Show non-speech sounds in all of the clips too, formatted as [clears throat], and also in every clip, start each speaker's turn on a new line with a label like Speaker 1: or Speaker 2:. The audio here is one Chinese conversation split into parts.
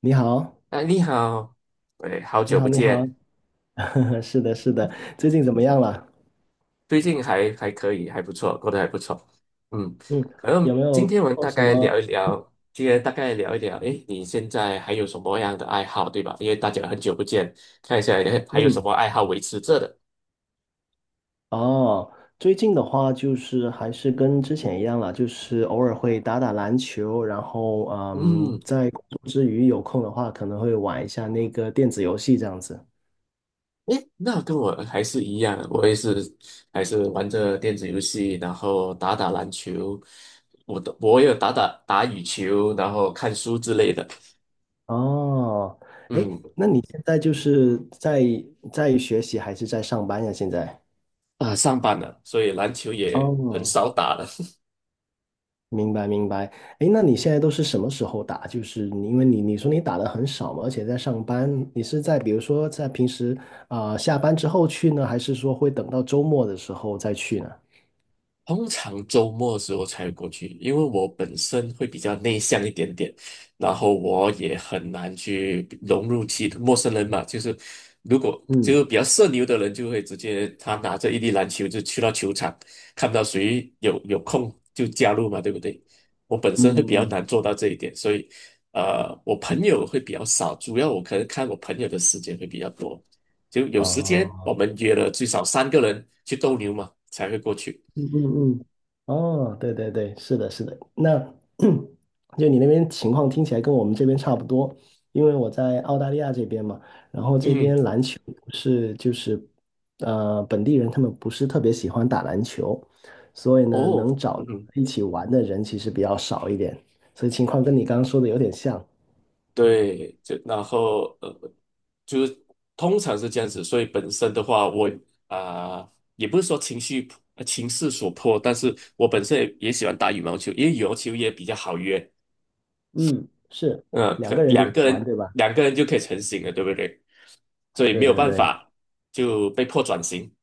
Speaker 1: 你好，
Speaker 2: 哎，你好。哎，好
Speaker 1: 你
Speaker 2: 久
Speaker 1: 好，
Speaker 2: 不
Speaker 1: 你好，
Speaker 2: 见。
Speaker 1: [laughs] 是的，是的，最近怎么样了？
Speaker 2: 最近还可以，还不错，过得还不错。嗯。
Speaker 1: 嗯，
Speaker 2: 可
Speaker 1: 有
Speaker 2: 能
Speaker 1: 没
Speaker 2: 今
Speaker 1: 有
Speaker 2: 天我们
Speaker 1: 做
Speaker 2: 大
Speaker 1: 什
Speaker 2: 概
Speaker 1: 么？
Speaker 2: 聊一聊，今天大概聊一聊，哎，你现在还有什么样的爱好，对吧？因为大家很久不见，看一下诶还有
Speaker 1: 嗯，
Speaker 2: 什么爱好维持着的。
Speaker 1: 哦，最近的话就是还是跟之前一样了，就是偶尔会打打篮球，然后
Speaker 2: 嗯。
Speaker 1: 在工作之余有空的话，可能会玩一下那个电子游戏这样子。
Speaker 2: 哎，那跟我还是一样，我也是还是玩着电子游戏，然后打打篮球。我也有打打羽球，然后看书之类的。
Speaker 1: 哦，哎，
Speaker 2: 嗯。
Speaker 1: 那你现在就是在学习还是在上班呀？现在？
Speaker 2: 啊，上班了，所以篮球也很
Speaker 1: 哦，
Speaker 2: 少打了。
Speaker 1: 明白明白，哎，那你现在都是什么时候打？就是你，因为你说你打的很少嘛，而且在上班，你是在比如说在平时下班之后去呢，还是说会等到周末的时候再去呢？
Speaker 2: 通常周末的时候才过去，因为我本身会比较内向一点点。然后我也很难去融入其陌生人嘛。就是如果就
Speaker 1: 嗯
Speaker 2: 是比较社牛的人，就会直接他拿着一粒篮球就去到球场，看到谁有空就加入嘛，对不对？我本
Speaker 1: 嗯
Speaker 2: 身会比
Speaker 1: 嗯
Speaker 2: 较
Speaker 1: 嗯。
Speaker 2: 难做到这一点，所以我朋友会比较少，主要我可能看我朋友的时间会比较多，就有时间我
Speaker 1: 哦。
Speaker 2: 们约了最少三个人去斗牛嘛，才会过去。
Speaker 1: 嗯嗯嗯，哦，对对对，是的，是的。那 [clears throat] 就你那边情况听起来跟我们这边差不多，因为我在澳大利亚这边嘛，然后这
Speaker 2: 嗯。
Speaker 1: 边篮球不是就是本地人他们不是特别喜欢打篮球，所以呢
Speaker 2: 哦。
Speaker 1: 能找
Speaker 2: 嗯
Speaker 1: 到
Speaker 2: 哼。
Speaker 1: 一起玩的人其实比较少一点，所以情况跟你刚刚说的有点像。
Speaker 2: 对，就然后就是通常是这样子，所以本身的话，我啊、也不是说情势所迫，但是我本身也喜欢打羽毛球，因为羽毛球也比较好约。
Speaker 1: 嗯，是
Speaker 2: 嗯、
Speaker 1: 两
Speaker 2: 可
Speaker 1: 个人就可
Speaker 2: 两个
Speaker 1: 以玩，
Speaker 2: 人
Speaker 1: 对吧？
Speaker 2: 两个人就可以成型了，对不对？所以
Speaker 1: 对
Speaker 2: 没有
Speaker 1: 对
Speaker 2: 办
Speaker 1: 对。
Speaker 2: 法就被迫转型。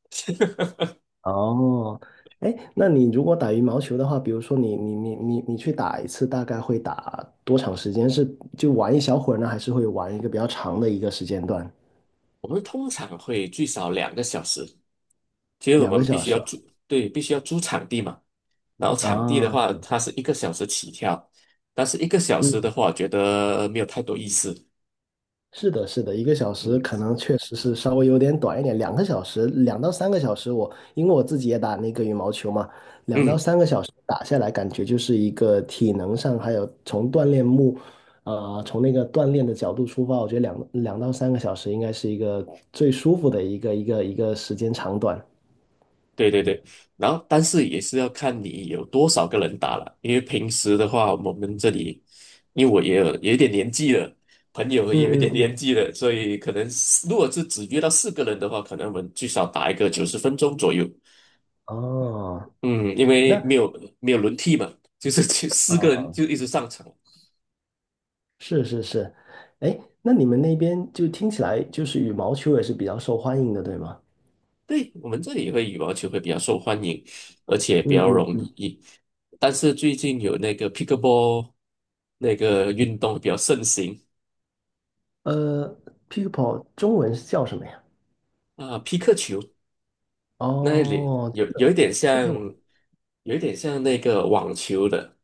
Speaker 1: 哦，哎，那你如果打羽毛球的话，比如说你去打一次，大概会打多长时间？是就玩一小会儿呢，还是会玩一个比较长的一个时间段？
Speaker 2: 我们通常会最少2个小时，其实我
Speaker 1: 两个
Speaker 2: 们必
Speaker 1: 小
Speaker 2: 须要
Speaker 1: 时啊？
Speaker 2: 租。对，必须要租场地嘛。然后场地的
Speaker 1: 啊，
Speaker 2: 话，它是一个小时起跳，但是一个小时的
Speaker 1: 嗯
Speaker 2: 话，我觉得没有太多意思。
Speaker 1: 是的，是的，一个小时
Speaker 2: 嗯
Speaker 1: 可能确实是稍微有点短一点，两个小时，两到三个小时我，因为我自己也打那个羽毛球嘛，两到
Speaker 2: 嗯。
Speaker 1: 三个小时打下来，感觉就是一个体能上，还有从锻炼目，从那个锻炼的角度出发，我觉得两到三个小时应该是一个最舒服的一个时间长短。
Speaker 2: 对对对。然后，但是也是要看你有多少个人打了，因为平时的话，我们这里，因为我也有一点年纪了，朋友
Speaker 1: 嗯
Speaker 2: 也有一
Speaker 1: 嗯
Speaker 2: 点年
Speaker 1: 嗯。
Speaker 2: 纪了，所以可能是如果是只约到四个人的话，可能我们最少打一个90分钟左右。
Speaker 1: 哦，
Speaker 2: 嗯，因为
Speaker 1: 那
Speaker 2: 没有轮替嘛，就是 [laughs] 四个人就一直上场。
Speaker 1: 是是是，哎，那你们那边就听起来就是羽毛球也是比较受欢迎的，对吗？
Speaker 2: 对，我们这里会羽毛球会比较受欢迎，而且比
Speaker 1: 嗯
Speaker 2: 较
Speaker 1: 嗯
Speaker 2: 容
Speaker 1: 嗯，
Speaker 2: 易。但是最近有那个 pickleball 那个运动比较盛行。
Speaker 1: 呃 Pickle 中文是叫什么呀？
Speaker 2: 啊，皮克球那里
Speaker 1: 哦，
Speaker 2: 有一点
Speaker 1: 这
Speaker 2: 像，
Speaker 1: 个我
Speaker 2: 有一点像那个网球的，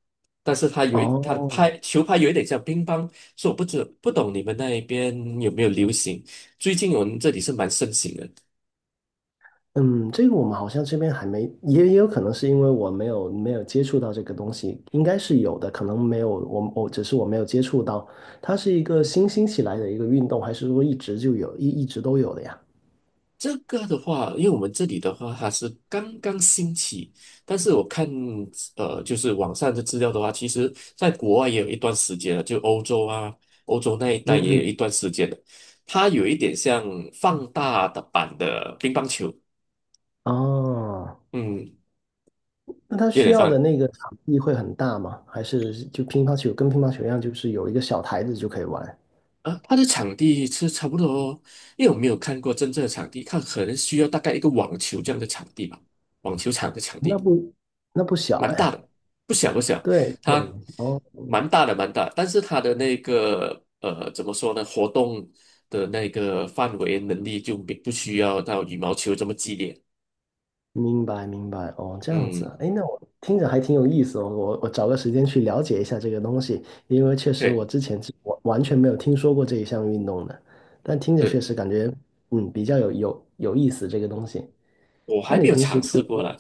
Speaker 2: 但是它它的
Speaker 1: 哦，
Speaker 2: 拍球拍有一点像乒乓，所以我不懂你们那一边有没有流行。最近我们这里是蛮盛行的。
Speaker 1: 嗯，这个我们好像这边还没，也有可能是因为我没有接触到这个东西，应该是有的，可能没有，我只是我没有接触到，它是一个新兴起来的一个运动，还是说一直就有，一直都有的呀？
Speaker 2: 这个的话，因为我们这里的话，它是刚刚兴起。但是我看，就是网上的资料的话，其实在国外也有一段时间了，就欧洲啊，欧洲那一带
Speaker 1: 嗯
Speaker 2: 也有一
Speaker 1: 嗯，
Speaker 2: 段时间了。它有一点像放大的版的乒乓球。
Speaker 1: 哦，
Speaker 2: 嗯。
Speaker 1: 那它
Speaker 2: 有
Speaker 1: 需
Speaker 2: 点
Speaker 1: 要的
Speaker 2: 像
Speaker 1: 那个场地会很大吗？还是就乒乓球跟乒乓球一样，就是有一个小台子就可以玩？
Speaker 2: 啊。它的场地是差不多哦，因为我没有看过真正的场地，看可能需要大概一个网球这样的场地吧，网球场的场
Speaker 1: 那
Speaker 2: 地。
Speaker 1: 不那不小
Speaker 2: 蛮大
Speaker 1: 哎。
Speaker 2: 的，不小不小。
Speaker 1: 对对，
Speaker 2: 它
Speaker 1: 哦，
Speaker 2: 蛮大的蛮大，但是它的那个怎么说呢，活动的那个范围能力就没不需要到羽毛球这么激烈。
Speaker 1: 明白明白，哦，这样子
Speaker 2: 嗯，
Speaker 1: 啊，哎，那我听着还挺有意思哦，我找个时间去了解一下这个东西，因为确实
Speaker 2: 对
Speaker 1: 我之前是完全没有听说过这一项运动的，但听着确
Speaker 2: 对。
Speaker 1: 实感觉，比较有意思这个东西。
Speaker 2: 我
Speaker 1: 那
Speaker 2: 还没
Speaker 1: 你
Speaker 2: 有
Speaker 1: 平时
Speaker 2: 尝
Speaker 1: 除
Speaker 2: 试
Speaker 1: 了，
Speaker 2: 过了。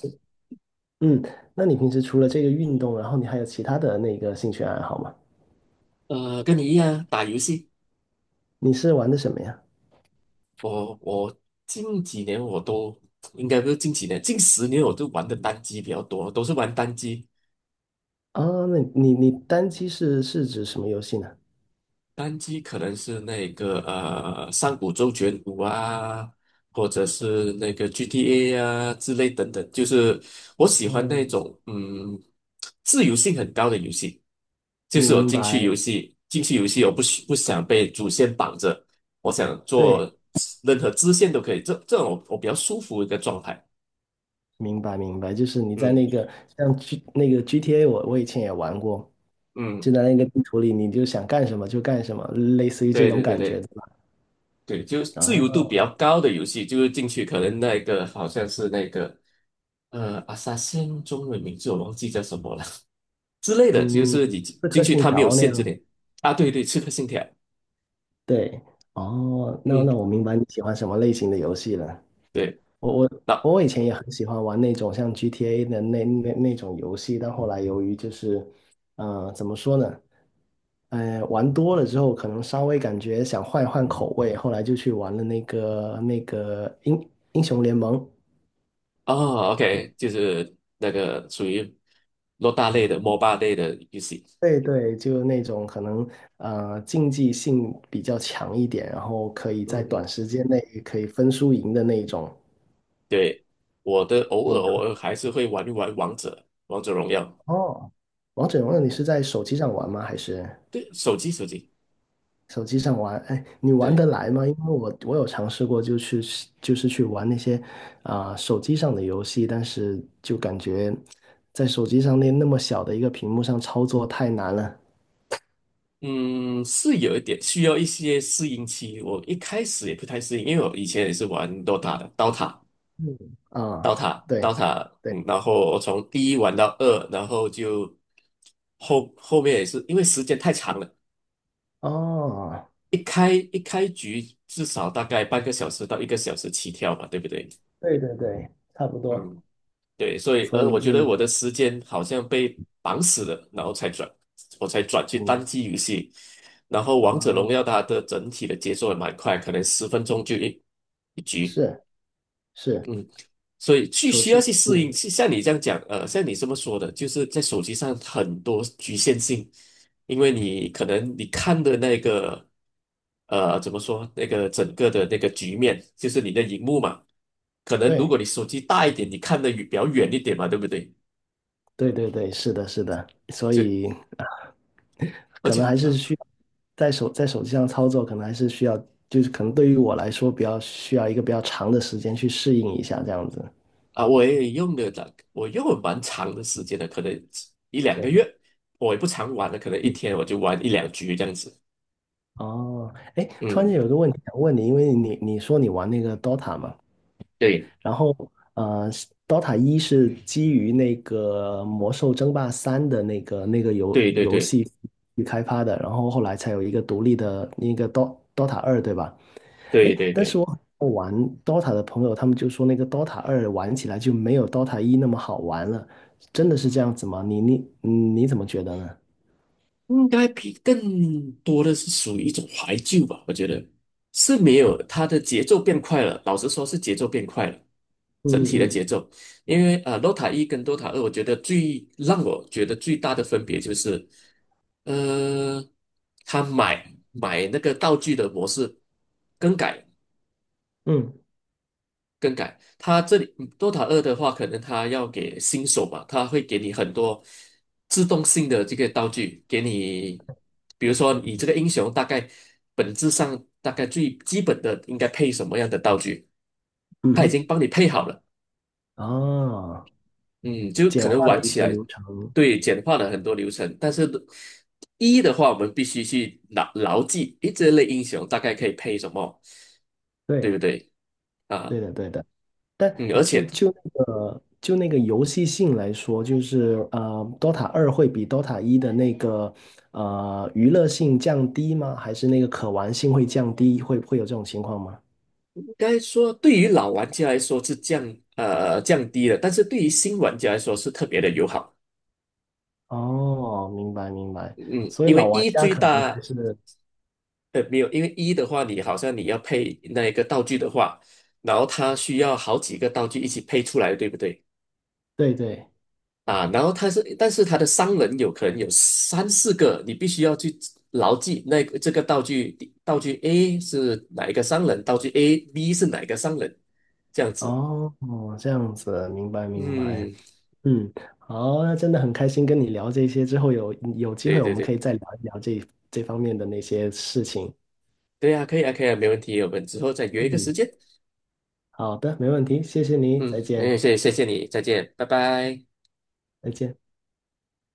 Speaker 1: 嗯，那你平时除了这个运动，然后你还有其他的那个兴趣爱好吗？
Speaker 2: 跟你一样打游戏。
Speaker 1: 你是玩的什么呀？
Speaker 2: 我近几年我都应该不是近几年，近10年我都玩的单机比较多，都是玩单机。
Speaker 1: 啊，那你单机是指什么游戏呢？
Speaker 2: 单机可能是那个《上古周卷五》啊，或者是那个 GTA 啊之类等等，就是我喜欢那
Speaker 1: 嗯，
Speaker 2: 种嗯自由性很高的游戏，就是我
Speaker 1: 明白，
Speaker 2: 进去游戏，我不想被主线绑着，我想做
Speaker 1: 对。
Speaker 2: 任何支线都可以，这种我比较舒服的一个状态。
Speaker 1: 明白明白，就是你在
Speaker 2: 嗯
Speaker 1: 那个像 G 那个 GTA，我以前也玩过，
Speaker 2: 嗯。
Speaker 1: 就在那个地图里，你就想干什么就干什么，类似于这
Speaker 2: 对
Speaker 1: 种
Speaker 2: 对对
Speaker 1: 感觉，对
Speaker 2: 对。
Speaker 1: 吧？
Speaker 2: 对，就是自由度
Speaker 1: 啊，
Speaker 2: 比较高的游戏，就是进去可能那个好像是那个阿萨辛中文名字我忘记叫什么了 [laughs] 之类的，就
Speaker 1: 嗯，
Speaker 2: 是你
Speaker 1: 刺
Speaker 2: 进
Speaker 1: 客
Speaker 2: 去
Speaker 1: 信
Speaker 2: 它没有
Speaker 1: 条那
Speaker 2: 限制
Speaker 1: 样
Speaker 2: 你。
Speaker 1: 子。
Speaker 2: 啊，对对，刺客信条。
Speaker 1: 对，哦，那
Speaker 2: 嗯。
Speaker 1: 那我明白你喜欢什么类型的游戏了。
Speaker 2: 对。
Speaker 1: 我我
Speaker 2: 那
Speaker 1: 我以前也很喜欢玩那种像 GTA 的那种游戏，但后来由于就是，怎么说呢？玩多了之后，可能稍微感觉想换一换口味，后来就去玩了那个英雄联盟。
Speaker 2: 哦，OK,就是那个属于洛大类的 MOBA 类的游戏。
Speaker 1: 对对，就那种可能竞技性比较强一点，然后可以
Speaker 2: 嗯
Speaker 1: 在短
Speaker 2: 嗯。
Speaker 1: 时间内可以分输赢的那一种。
Speaker 2: 对，我的偶尔偶
Speaker 1: 嗯，
Speaker 2: 尔还是会玩一玩王者，王者荣耀。
Speaker 1: 哦，王者荣耀你是在手机上玩吗？还是？
Speaker 2: 对，手机。
Speaker 1: 手机上玩，哎，你玩
Speaker 2: 对。
Speaker 1: 得来吗？因为我有尝试过，就是去玩那些手机上的游戏，但是就感觉在手机上那么小的一个屏幕上操作太难了
Speaker 2: 嗯，是有一点需要一些适应期。我一开始也不太适应，因为我以前也是玩 DOTA 的，DOTA、
Speaker 1: 啊、
Speaker 2: DOTA、
Speaker 1: 对
Speaker 2: DOTA。
Speaker 1: 对，
Speaker 2: 嗯，然后我从第一玩到二，然后就后面也是因为时间太长了，
Speaker 1: 哦，
Speaker 2: 一开局至少大概半个小时到一个小时起跳吧，对不对？
Speaker 1: 对对对，差不多。
Speaker 2: 嗯，对，所以
Speaker 1: 所以你
Speaker 2: 我觉
Speaker 1: 就
Speaker 2: 得
Speaker 1: 没
Speaker 2: 我的
Speaker 1: 有
Speaker 2: 时间好像被绑死了，然后才转，我才转去
Speaker 1: 听过
Speaker 2: 单机游戏。然后《王者
Speaker 1: 啊？
Speaker 2: 荣耀》它的整体的节奏也蛮快，可能十分钟就一局。
Speaker 1: 是是，
Speaker 2: 嗯，所以去
Speaker 1: 手
Speaker 2: 需
Speaker 1: 机
Speaker 2: 要去
Speaker 1: 是，
Speaker 2: 适应。呃，像你这么说的，就是在手机上很多局限性，因为你可能你看的那个，怎么说，那个整个的那个局面，就是你的荧幕嘛，可能如
Speaker 1: 对。
Speaker 2: 果你手机大一点，你看的比较远一点嘛，对不对？
Speaker 1: 对对对，是的，是的，所
Speaker 2: 就。
Speaker 1: 以啊
Speaker 2: 而
Speaker 1: 可
Speaker 2: 且
Speaker 1: 能还是
Speaker 2: 啊，
Speaker 1: 需要在手机上操作，可能还是需要，就是可能对于我来说，比较需要一个比较长的时间去适应一下这样子。
Speaker 2: 啊我也用了大我用了蛮长的时间的，可能一两个
Speaker 1: 是，
Speaker 2: 月。我也不常玩了，可能一
Speaker 1: 嗯
Speaker 2: 天我就玩一两局这样子。
Speaker 1: 哦，哎，突然
Speaker 2: 嗯，
Speaker 1: 间有一个问题想问你，因为你说你玩那个 Dota 嘛，
Speaker 2: 对。
Speaker 1: 然后呃，Dota 一是基于那个《魔兽争霸三》的那个游
Speaker 2: 对对
Speaker 1: 游
Speaker 2: 对
Speaker 1: 戏去开发的，然后后来才有一个独立的那个 Dota 二，对吧？
Speaker 2: 对
Speaker 1: 诶，
Speaker 2: 对
Speaker 1: 但是
Speaker 2: 对。
Speaker 1: 我玩 DOTA 的朋友，他们就说那个 DOTA 二玩起来就没有 DOTA 一那么好玩了，真的是这样子吗？你怎么觉得呢？
Speaker 2: 应该比更多的是属于一种怀旧吧，我觉得是没有它的节奏变快了，老实说是节奏变快了，
Speaker 1: 嗯
Speaker 2: 整体的
Speaker 1: 嗯
Speaker 2: 节奏。因为DOTA 1跟 Dota 二，我觉得最大的分别就是，呃，他买那个道具的模式更改，
Speaker 1: 嗯
Speaker 2: 更改。它这里嗯 Dota 二的话，可能它要给新手嘛，它会给你很多自动性的这个道具，给你，比如说你这个英雄本质上大概最基本的应该配什么样的道具，
Speaker 1: 嗯
Speaker 2: 他已
Speaker 1: 哼，
Speaker 2: 经帮你配好了。
Speaker 1: 啊，
Speaker 2: 嗯，就可
Speaker 1: 简化
Speaker 2: 能
Speaker 1: 了
Speaker 2: 玩
Speaker 1: 一
Speaker 2: 起
Speaker 1: 些
Speaker 2: 来。
Speaker 1: 流程，
Speaker 2: 对，简化了很多流程。但是一的话，我们必须去牢牢记，诶，这类英雄大概可以配什么，对
Speaker 1: 对
Speaker 2: 不对？
Speaker 1: 对
Speaker 2: 啊。
Speaker 1: 的对的，
Speaker 2: 嗯，
Speaker 1: 但
Speaker 2: 而
Speaker 1: 就
Speaker 2: 且
Speaker 1: 就那个就那个游戏性来说，就是DOTA 二会比 DOTA 一的那个娱乐性降低吗？还是那个可玩性会降低？会有这种情况吗？
Speaker 2: 应该说，对于老玩家来说是呃降低了，但是对于新玩家来说是特别的友好。
Speaker 1: 哦，明白明白，
Speaker 2: 嗯，
Speaker 1: 所以
Speaker 2: 因
Speaker 1: 老
Speaker 2: 为
Speaker 1: 玩
Speaker 2: 一
Speaker 1: 家
Speaker 2: 最
Speaker 1: 可能还
Speaker 2: 大
Speaker 1: 是
Speaker 2: 没有，因为一的话，你好像你要配那一个道具的话，然后它需要好几个道具一起配出来，对不对？
Speaker 1: 对对，
Speaker 2: 啊，然后它是，但是它的商人有可能有三四个，你必须要去牢记那个这个道具，道具 A 是哪一个商人，道具 B 是哪一个商人，这样子。
Speaker 1: 哦，这样子，明白明白，
Speaker 2: 嗯，
Speaker 1: 嗯，好，那真的很开心跟你聊这些，之后有机
Speaker 2: 对
Speaker 1: 会我
Speaker 2: 对
Speaker 1: 们可
Speaker 2: 对。
Speaker 1: 以再聊一聊这方面的那些事情，
Speaker 2: 对呀，可以啊，可以啊，没问题，我们之后再约一个时
Speaker 1: 嗯，
Speaker 2: 间。
Speaker 1: 好的，没问题，谢谢你，
Speaker 2: 嗯，
Speaker 1: 再
Speaker 2: 哎
Speaker 1: 见，
Speaker 2: 谢谢你，再见，拜拜。
Speaker 1: 再见。